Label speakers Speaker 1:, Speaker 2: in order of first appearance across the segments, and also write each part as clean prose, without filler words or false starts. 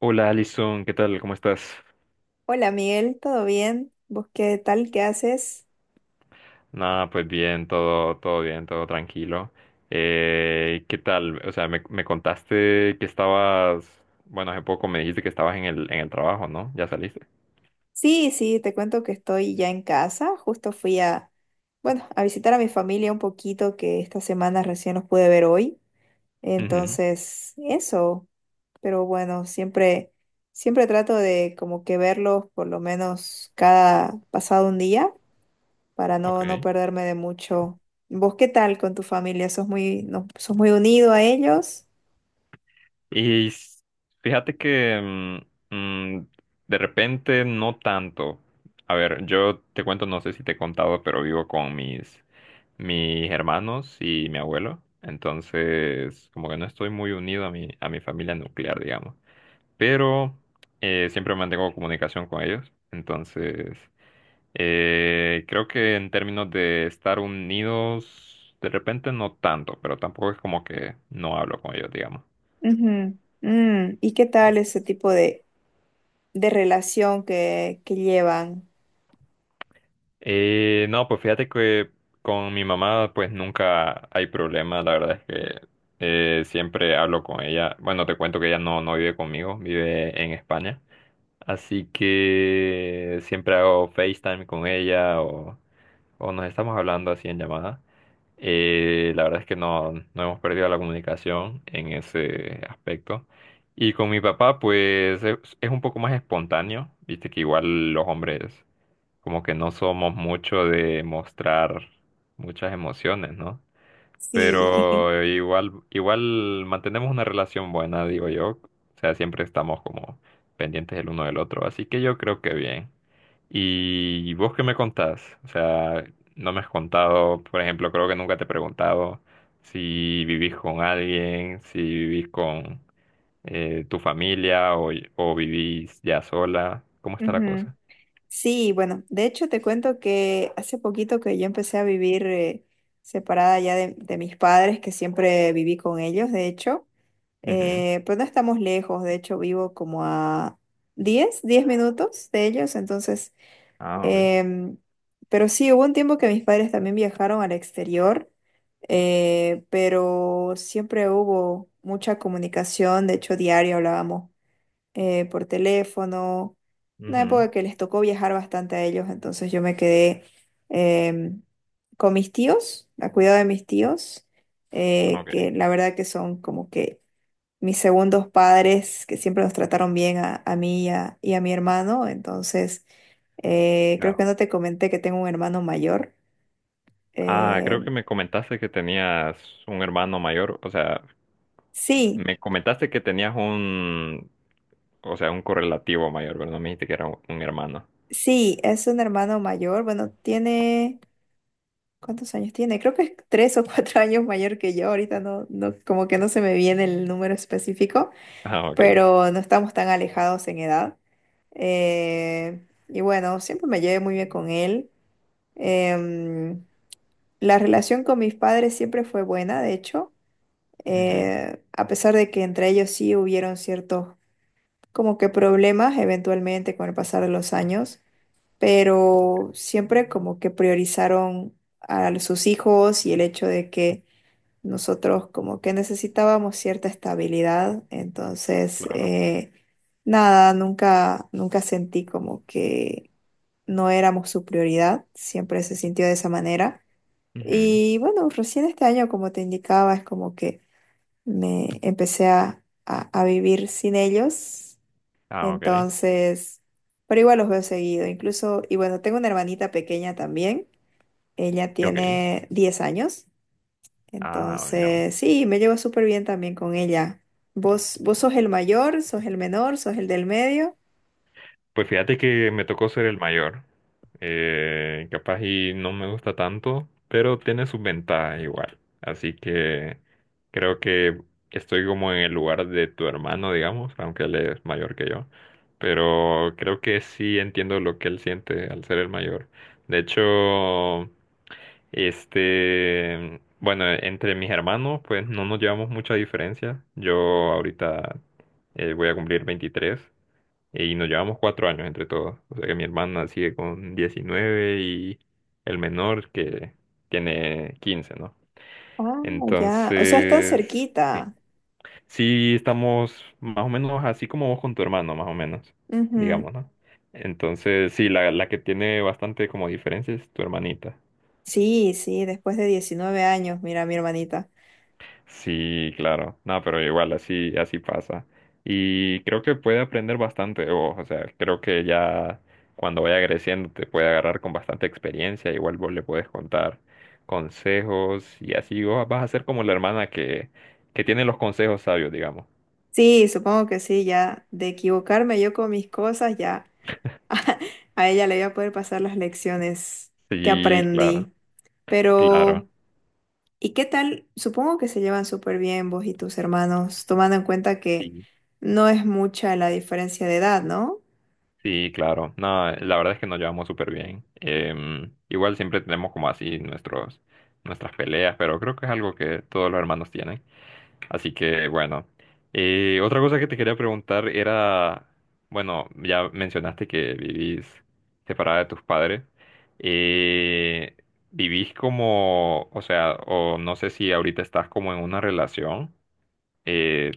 Speaker 1: Hola Alison, ¿qué tal? ¿Cómo estás?
Speaker 2: Hola Miguel, ¿todo bien? ¿Vos qué tal? ¿Qué haces?
Speaker 1: Nada, pues bien, todo bien, todo tranquilo. ¿Qué tal? O sea, me contaste que estabas, bueno, hace poco me dijiste que estabas en el trabajo, ¿no? ¿Ya saliste?
Speaker 2: Sí, sí, te cuento que estoy ya en casa. Justo fui a, bueno, a visitar a mi familia un poquito, que esta semana recién los pude ver hoy.
Speaker 1: Ujú,
Speaker 2: Entonces, eso. Pero bueno, siempre trato de como que verlos por lo menos cada pasado un día para no
Speaker 1: ok.
Speaker 2: perderme de mucho. ¿Vos qué tal con tu familia? ¿Sos muy, no, sos muy unido a ellos?
Speaker 1: Y s- Fíjate que mm, mm, de repente no tanto. A ver, yo te cuento, no sé si te he contado, pero vivo con mis hermanos y mi abuelo. Entonces, como que no estoy muy unido a mi familia nuclear, digamos. Pero siempre mantengo comunicación con ellos. Entonces, creo que en términos de estar unidos, de repente no tanto, pero tampoco es como que no hablo con ellos, digamos.
Speaker 2: Ujú. Mm, ¿y qué
Speaker 1: Sí.
Speaker 2: tal ese tipo de relación que llevan?
Speaker 1: No, pues fíjate que con mi mamá pues nunca hay problema, la verdad es que siempre hablo con ella. Bueno, te cuento que ella no vive conmigo, vive en España, así que siempre hago FaceTime con ella o nos estamos hablando así en llamada. La verdad es que no hemos perdido la comunicación en ese aspecto. Y con mi papá pues es un poco más espontáneo, viste que igual los hombres como que no somos mucho de mostrar muchas emociones, ¿no?
Speaker 2: Sí.
Speaker 1: Pero igual mantenemos una relación buena, digo yo. O sea, siempre estamos como pendientes el uno del otro. Así que yo creo que bien. ¿Y vos qué me contás? O sea, no me has contado, por ejemplo, creo que nunca te he preguntado si vivís con alguien, si vivís con tu familia o vivís ya sola. ¿Cómo está la
Speaker 2: Ujú.
Speaker 1: cosa?
Speaker 2: Sí, bueno, de hecho te cuento que hace poquito que yo empecé a vivir separada ya de mis padres, que siempre viví con ellos, de hecho,
Speaker 1: Ujú.
Speaker 2: pero no estamos lejos, de hecho vivo como a diez minutos de ellos, entonces,
Speaker 1: Ah, ok.
Speaker 2: em, pero sí, hubo un tiempo que mis padres también viajaron al exterior, pero siempre hubo mucha comunicación, de hecho diario hablábamos por teléfono. Una
Speaker 1: Ujú,
Speaker 2: época que les tocó viajar bastante a ellos, entonces yo me quedé em, con mis tíos, a cuidado de mis tíos,
Speaker 1: ok,
Speaker 2: que la verdad que son como que mis segundos padres, que siempre nos trataron bien a mí y a mi hermano. Entonces, creo que
Speaker 1: claro.
Speaker 2: no te comenté que tengo un hermano mayor.
Speaker 1: Ah, creo que
Speaker 2: Em,
Speaker 1: me comentaste que tenías un hermano mayor, o sea,
Speaker 2: sí,
Speaker 1: me comentaste que tenías un, o sea, un correlativo mayor, pero no me dijiste que era un hermano.
Speaker 2: sí, es un hermano mayor. Bueno, tiene... ¿Cuántos años tiene? Creo que es 3 o 4 años mayor que yo. Ahorita no, no, como que no se me viene el número específico,
Speaker 1: Ah, ok.
Speaker 2: pero no estamos tan alejados en edad. Y bueno, siempre me llevé muy bien con él. Em, la relación con mis padres siempre fue buena, de hecho,
Speaker 1: Ujú,
Speaker 2: A pesar de que entre ellos sí hubieron ciertos como que problemas eventualmente con el pasar de los años, pero siempre como que priorizaron a sus hijos y el hecho de que nosotros como que necesitábamos cierta estabilidad, entonces
Speaker 1: claro.
Speaker 2: nada, nunca sentí como que no éramos su prioridad, siempre se sintió de esa manera.
Speaker 1: Ujú,
Speaker 2: Y bueno, recién este año, como te indicaba, es como que me empecé a vivir sin ellos,
Speaker 1: ah, ok.
Speaker 2: entonces, pero igual los veo seguido, incluso, y bueno, tengo una hermanita pequeña también, ella
Speaker 1: Ok.
Speaker 2: tiene 10 años.
Speaker 1: Ah, no.
Speaker 2: Entonces, sí, me llevo súper bien también con ella. ¿Vos, vos sos el mayor, sos el menor, sos el del medio?
Speaker 1: Pues fíjate que me tocó ser el mayor. Capaz y no me gusta tanto, pero tiene sus ventajas igual. Así que creo que estoy como en el lugar de tu hermano, digamos, aunque él es mayor que yo. Pero creo que sí entiendo lo que él siente al ser el mayor. De hecho, bueno, entre mis hermanos, pues no nos llevamos mucha diferencia. Yo ahorita voy a cumplir 23 y nos llevamos 4 años entre todos. O sea que mi hermana sigue con 19 y el menor que tiene 15, ¿no?
Speaker 2: Ah, ya. O sea, están
Speaker 1: Entonces, sí.
Speaker 2: cerquita.
Speaker 1: Sí estamos más o menos así como vos con tu hermano, más o menos,
Speaker 2: Ujú.
Speaker 1: digamos, ¿no? Entonces, sí, la que tiene bastante como diferencia es tu hermanita.
Speaker 2: Sí, sí, después de 19 años, mira, mi hermanita.
Speaker 1: Sí, claro. No, pero igual así, así pasa. Y creo que puede aprender bastante de vos. O sea, creo que ya cuando vaya creciendo te puede agarrar con bastante experiencia. Igual vos le puedes contar consejos y así vos vas a ser como la hermana que tiene los consejos sabios, digamos.
Speaker 2: Sí, supongo que sí, ya. De equivocarme yo con mis cosas, ya. A ella le voy a poder pasar las lecciones que
Speaker 1: Sí, claro,
Speaker 2: aprendí.
Speaker 1: claro.
Speaker 2: Pero... ¿Y qué tal? Supongo que se llevan súper bien vos y tus hermanos, tomando en cuenta que
Speaker 1: Sí,
Speaker 2: no es mucha la diferencia de edad, ¿no?
Speaker 1: sí, claro. No, la verdad es que nos llevamos súper bien. Igual siempre tenemos como así nuestras peleas, pero creo que es algo que todos los hermanos tienen. Así que bueno. Otra cosa que te quería preguntar era, bueno, ya mencionaste que vivís separada de tus padres. Eh, ¿Vivís como, o sea, o no sé si ahorita estás como en una relación? eh,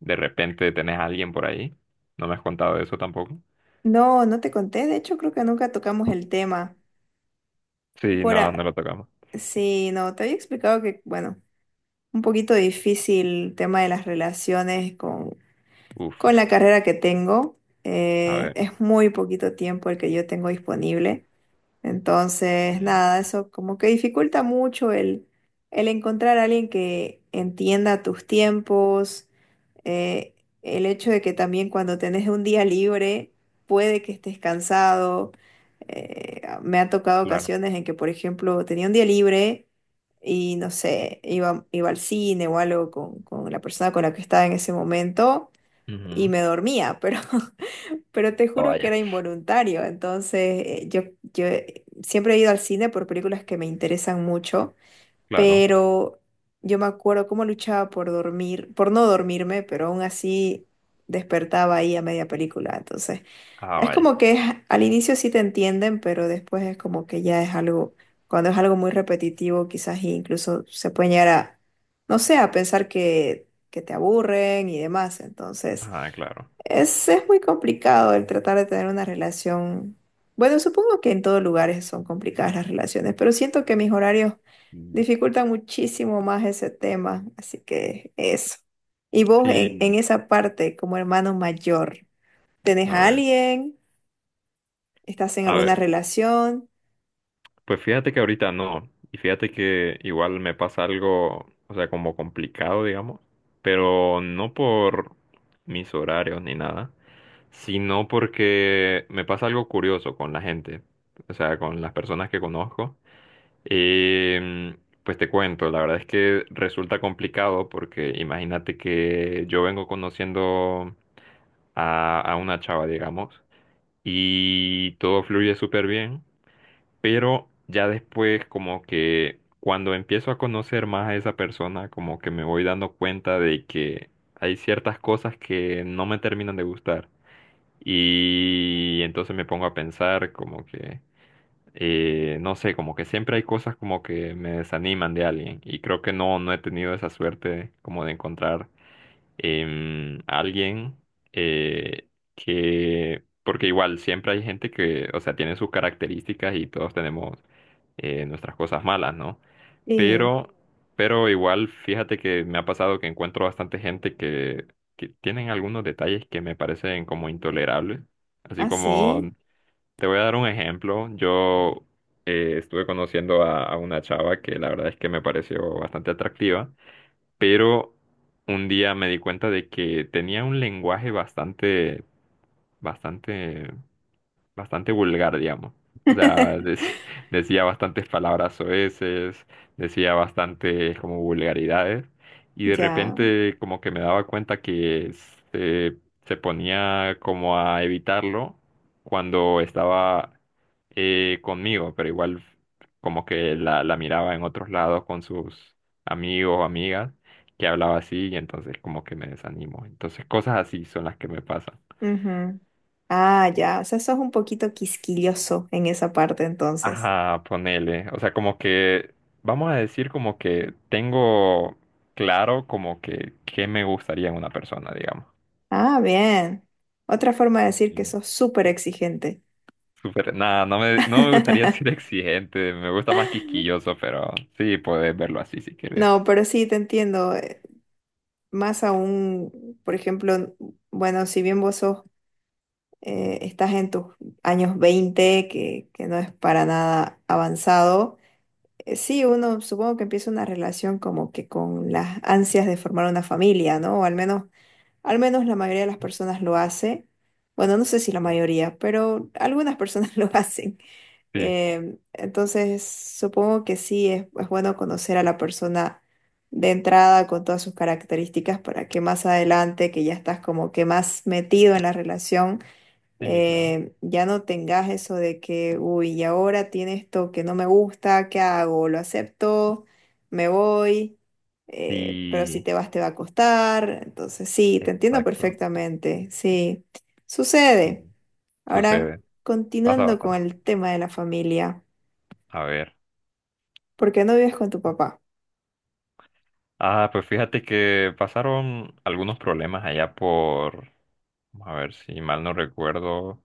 Speaker 1: de repente tenés a alguien por ahí. No me has contado eso tampoco.
Speaker 2: No, no te conté, de hecho creo que nunca tocamos el tema.
Speaker 1: Sí,
Speaker 2: Por
Speaker 1: no,
Speaker 2: a-
Speaker 1: no lo tocamos.
Speaker 2: Sí, no, te había explicado que, bueno, un poquito difícil el tema de las relaciones
Speaker 1: Uf,
Speaker 2: con la carrera que tengo.
Speaker 1: a ver.
Speaker 2: Es muy poquito tiempo el que yo tengo disponible. Entonces,
Speaker 1: Mm,
Speaker 2: nada, eso como que dificulta mucho el encontrar a alguien que entienda tus tiempos, eh, el hecho de que también cuando tenés un día libre puede que estés cansado. Me ha tocado
Speaker 1: claro.
Speaker 2: ocasiones en que, por ejemplo, tenía un día libre y no sé, iba al cine o algo con la persona con la que estaba en ese momento y
Speaker 1: Ujú.
Speaker 2: me dormía, pero Pero te
Speaker 1: Ah,
Speaker 2: juro que
Speaker 1: vaya.
Speaker 2: era involuntario. Entonces, yo, siempre he ido al cine por películas que me interesan mucho,
Speaker 1: Claro.
Speaker 2: pero yo me acuerdo cómo luchaba por dormir, por no dormirme, pero aún así despertaba ahí a media película. Entonces,
Speaker 1: Ah,
Speaker 2: es
Speaker 1: vaya.
Speaker 2: como que es- al inicio sí te entienden, pero después es como que ya es algo, cuando es algo muy repetitivo, quizás incluso se puede llegar a, no sé, a pensar que te aburren y demás. Entonces...
Speaker 1: Ah, claro.
Speaker 2: Es muy complicado el tratar de tener una relación. Bueno, supongo que en todos lugares son complicadas las relaciones, pero siento que mis horarios
Speaker 1: Mm.
Speaker 2: dificultan muchísimo más ese tema, así que eso. Y vos en
Speaker 1: Sí,
Speaker 2: esa parte, como hermano mayor, ¿tenés
Speaker 1: a
Speaker 2: a
Speaker 1: ver.
Speaker 2: alguien? ¿Estás en
Speaker 1: A
Speaker 2: alguna
Speaker 1: ver.
Speaker 2: relación?
Speaker 1: Pues fíjate que ahorita no, y fíjate que igual me pasa algo, o sea, como complicado, digamos, pero no por mis horarios ni nada, sino porque me pasa algo curioso con la gente, o sea, con las personas que conozco. Em, pues te cuento, la verdad es que resulta complicado porque imagínate que yo vengo conociendo a una chava, digamos, y todo fluye súper bien, pero ya después como que cuando empiezo a conocer más a esa persona, como que me voy dando cuenta de que hay ciertas cosas que no me terminan de gustar. Y entonces me pongo a pensar como que, no sé, como que siempre hay cosas como que me desaniman de alguien. Y creo que no he tenido esa suerte como de encontrar alguien eh, que, porque igual siempre hay gente que, o sea, tiene sus características y todos tenemos nuestras cosas malas, ¿no?
Speaker 2: Sí,
Speaker 1: Pero, pero igual fíjate que me ha pasado que encuentro bastante gente que tienen algunos detalles que me parecen como intolerables. Así como,
Speaker 2: así.
Speaker 1: te voy a dar un ejemplo, yo estuve conociendo a una chava que la verdad es que me pareció bastante atractiva, pero un día me di cuenta de que tenía un lenguaje bastante bastante vulgar, digamos. O sea, decía bastantes palabras soeces, decía bastantes como vulgaridades, y de
Speaker 2: Ya.
Speaker 1: repente como que me daba cuenta que se, se ponía como a evitarlo cuando estaba conmigo, pero igual como que la miraba en otros lados con sus amigos o amigas que hablaba así, y entonces como que me desanimo. Entonces cosas así son las que me pasan.
Speaker 2: Ujú. Ah, ya. O sea, sos un poquito quisquilloso en esa parte entonces.
Speaker 1: Ajá, ponele. O sea, como que, vamos a decir como que tengo claro como que qué me gustaría en una persona, digamos.
Speaker 2: Ah, bien. Otra forma de decir que
Speaker 1: Sí.
Speaker 2: sos súper exigente.
Speaker 1: Súper, nada, no me gustaría ser exigente, me gusta más quisquilloso, pero sí, puedes verlo así si quieres.
Speaker 2: No, pero sí te entiendo. Más aún, por ejemplo, bueno, si bien vos sos, estás en tus años 20, que no es para nada avanzado, sí, uno supongo que empieza una relación como que con las ansias de formar una familia, ¿no? O al menos la mayoría de las personas lo hace. Bueno, no sé si la mayoría, pero algunas personas lo hacen.
Speaker 1: Sí,
Speaker 2: Entonces, supongo que sí, es bueno conocer a la persona de entrada con todas sus características para que más adelante, que ya estás como que más metido en la relación,
Speaker 1: sí, claro.
Speaker 2: ya no tengas eso de que, uy, y ahora tiene esto que no me gusta, ¿qué hago? ¿Lo acepto? ¿Me voy? Pero si
Speaker 1: Sí,
Speaker 2: te vas, te va a costar. Entonces, sí, te entiendo
Speaker 1: exacto.
Speaker 2: perfectamente, sí,
Speaker 1: Sí,
Speaker 2: sucede. Ahora,
Speaker 1: sucede, pasa
Speaker 2: continuando con
Speaker 1: bastante.
Speaker 2: el tema de la familia.
Speaker 1: A ver.
Speaker 2: ¿Por qué no vives con tu papá?
Speaker 1: Ah, pues fíjate que pasaron algunos problemas allá por, vamos a ver si mal no recuerdo,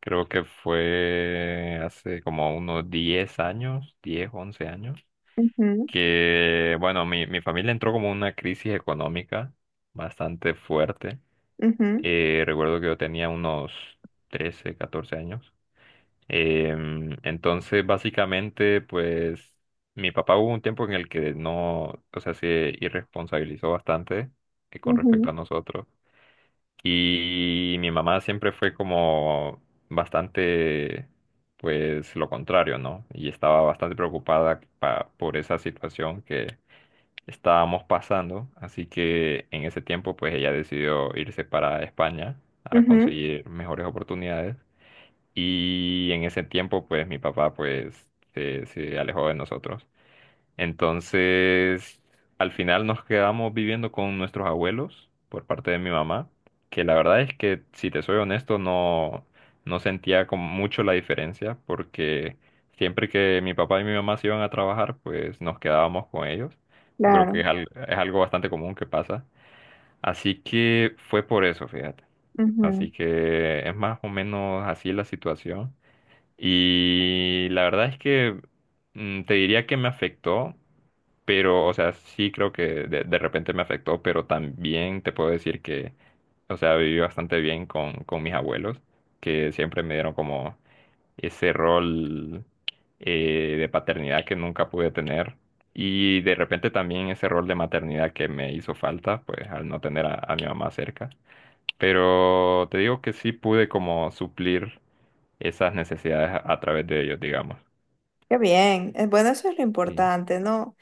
Speaker 1: creo que fue hace como unos 10 años, 10, 11 años,
Speaker 2: Ujú,
Speaker 1: que bueno, mi familia entró como en una crisis económica bastante fuerte.
Speaker 2: ujú,
Speaker 1: Recuerdo que yo tenía unos 13, 14 años. Entonces, básicamente, pues mi papá hubo un tiempo en el que no, o sea, se irresponsabilizó bastante con
Speaker 2: ujú,
Speaker 1: respecto a nosotros. Y mi mamá siempre fue como bastante, pues lo contrario, ¿no? Y estaba bastante preocupada por esa situación que estábamos pasando. Así que en ese tiempo, pues ella decidió irse para España a
Speaker 2: ujú,
Speaker 1: conseguir mejores oportunidades. Y en ese tiempo, pues mi papá pues se alejó de nosotros. Entonces, al final nos quedamos viviendo con nuestros abuelos por parte de mi mamá, que la verdad es que, si te soy honesto, no, no sentía como mucho la diferencia, porque siempre que mi papá y mi mamá se iban a trabajar, pues nos quedábamos con ellos. Yo creo que
Speaker 2: claro.
Speaker 1: es, al- es algo bastante común que pasa. Así que fue por eso, fíjate.
Speaker 2: Ujú.
Speaker 1: Así que es más o menos así la situación. Y la verdad es que mm, te diría que me afectó, pero, o sea, sí creo que de repente me afectó, pero también te puedo decir que, o sea, viví bastante bien con mis abuelos, que siempre me dieron como ese rol de paternidad que nunca pude tener. Y de repente también ese rol de maternidad que me hizo falta, pues al no tener a mi mamá cerca. Pero te digo que sí pude como suplir esas necesidades a través de ellos, digamos.
Speaker 2: Qué bien. Bueno, eso es lo
Speaker 1: Y,
Speaker 2: importante, ¿no?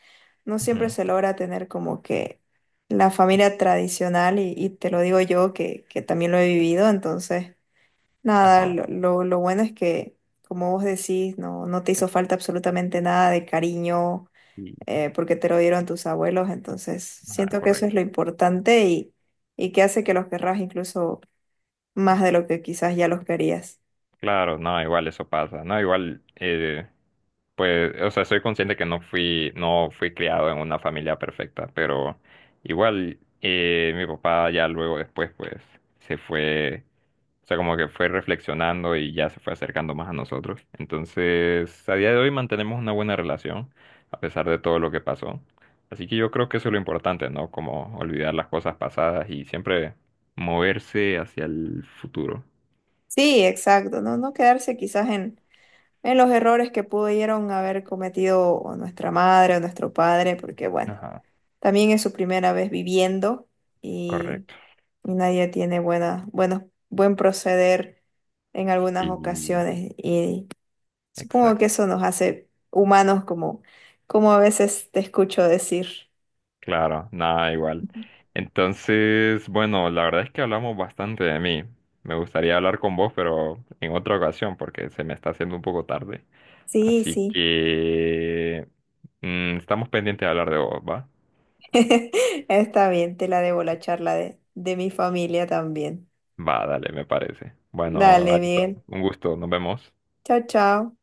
Speaker 2: No siempre
Speaker 1: ujú,
Speaker 2: se logra tener como que la familia tradicional y te lo digo yo que también lo he vivido, entonces, nada,
Speaker 1: ajá,
Speaker 2: lo bueno es que, como vos decís, no, no te hizo falta absolutamente nada de cariño
Speaker 1: y,
Speaker 2: porque te lo dieron tus abuelos, entonces
Speaker 1: ajá,
Speaker 2: siento que eso es
Speaker 1: correcto.
Speaker 2: lo importante y que hace que los querrás incluso más de lo que quizás ya los querías.
Speaker 1: Claro, no, igual eso pasa, no, igual, pues, o sea, soy consciente que no fui, no fui criado en una familia perfecta, pero igual mi papá ya luego después, pues, se fue, o sea, como que fue reflexionando y ya se fue acercando más a nosotros. Entonces, a día de hoy mantenemos una buena relación, a pesar de todo lo que pasó. Así que yo creo que eso es lo importante, ¿no? Como olvidar las cosas pasadas y siempre moverse hacia el futuro.
Speaker 2: Sí, exacto, no, no quedarse quizás en, los errores que pudieron haber cometido o nuestra madre o nuestro padre, porque bueno,
Speaker 1: Ajá,
Speaker 2: también es su primera vez viviendo y,
Speaker 1: correcto.
Speaker 2: y nadie tiene buena, buenos, buen proceder en algunas
Speaker 1: Y-
Speaker 2: ocasiones y supongo que
Speaker 1: Exacto,
Speaker 2: eso nos hace humanos como, como a veces te escucho decir.
Speaker 1: claro, nada igual.
Speaker 2: Ujú.
Speaker 1: Entonces, bueno, la verdad es que hablamos bastante de mí. Me gustaría hablar con vos, pero en otra ocasión, porque se me está haciendo un poco tarde.
Speaker 2: Sí,
Speaker 1: Así, sí,
Speaker 2: sí,
Speaker 1: que estamos pendientes de hablar de vos, ¿va?
Speaker 2: está bien, te la debo la charla de mi familia también.
Speaker 1: Va, dale, me parece. Bueno,
Speaker 2: Dale,
Speaker 1: Alison,
Speaker 2: bien.
Speaker 1: un gusto, nos vemos.
Speaker 2: Chao, chao.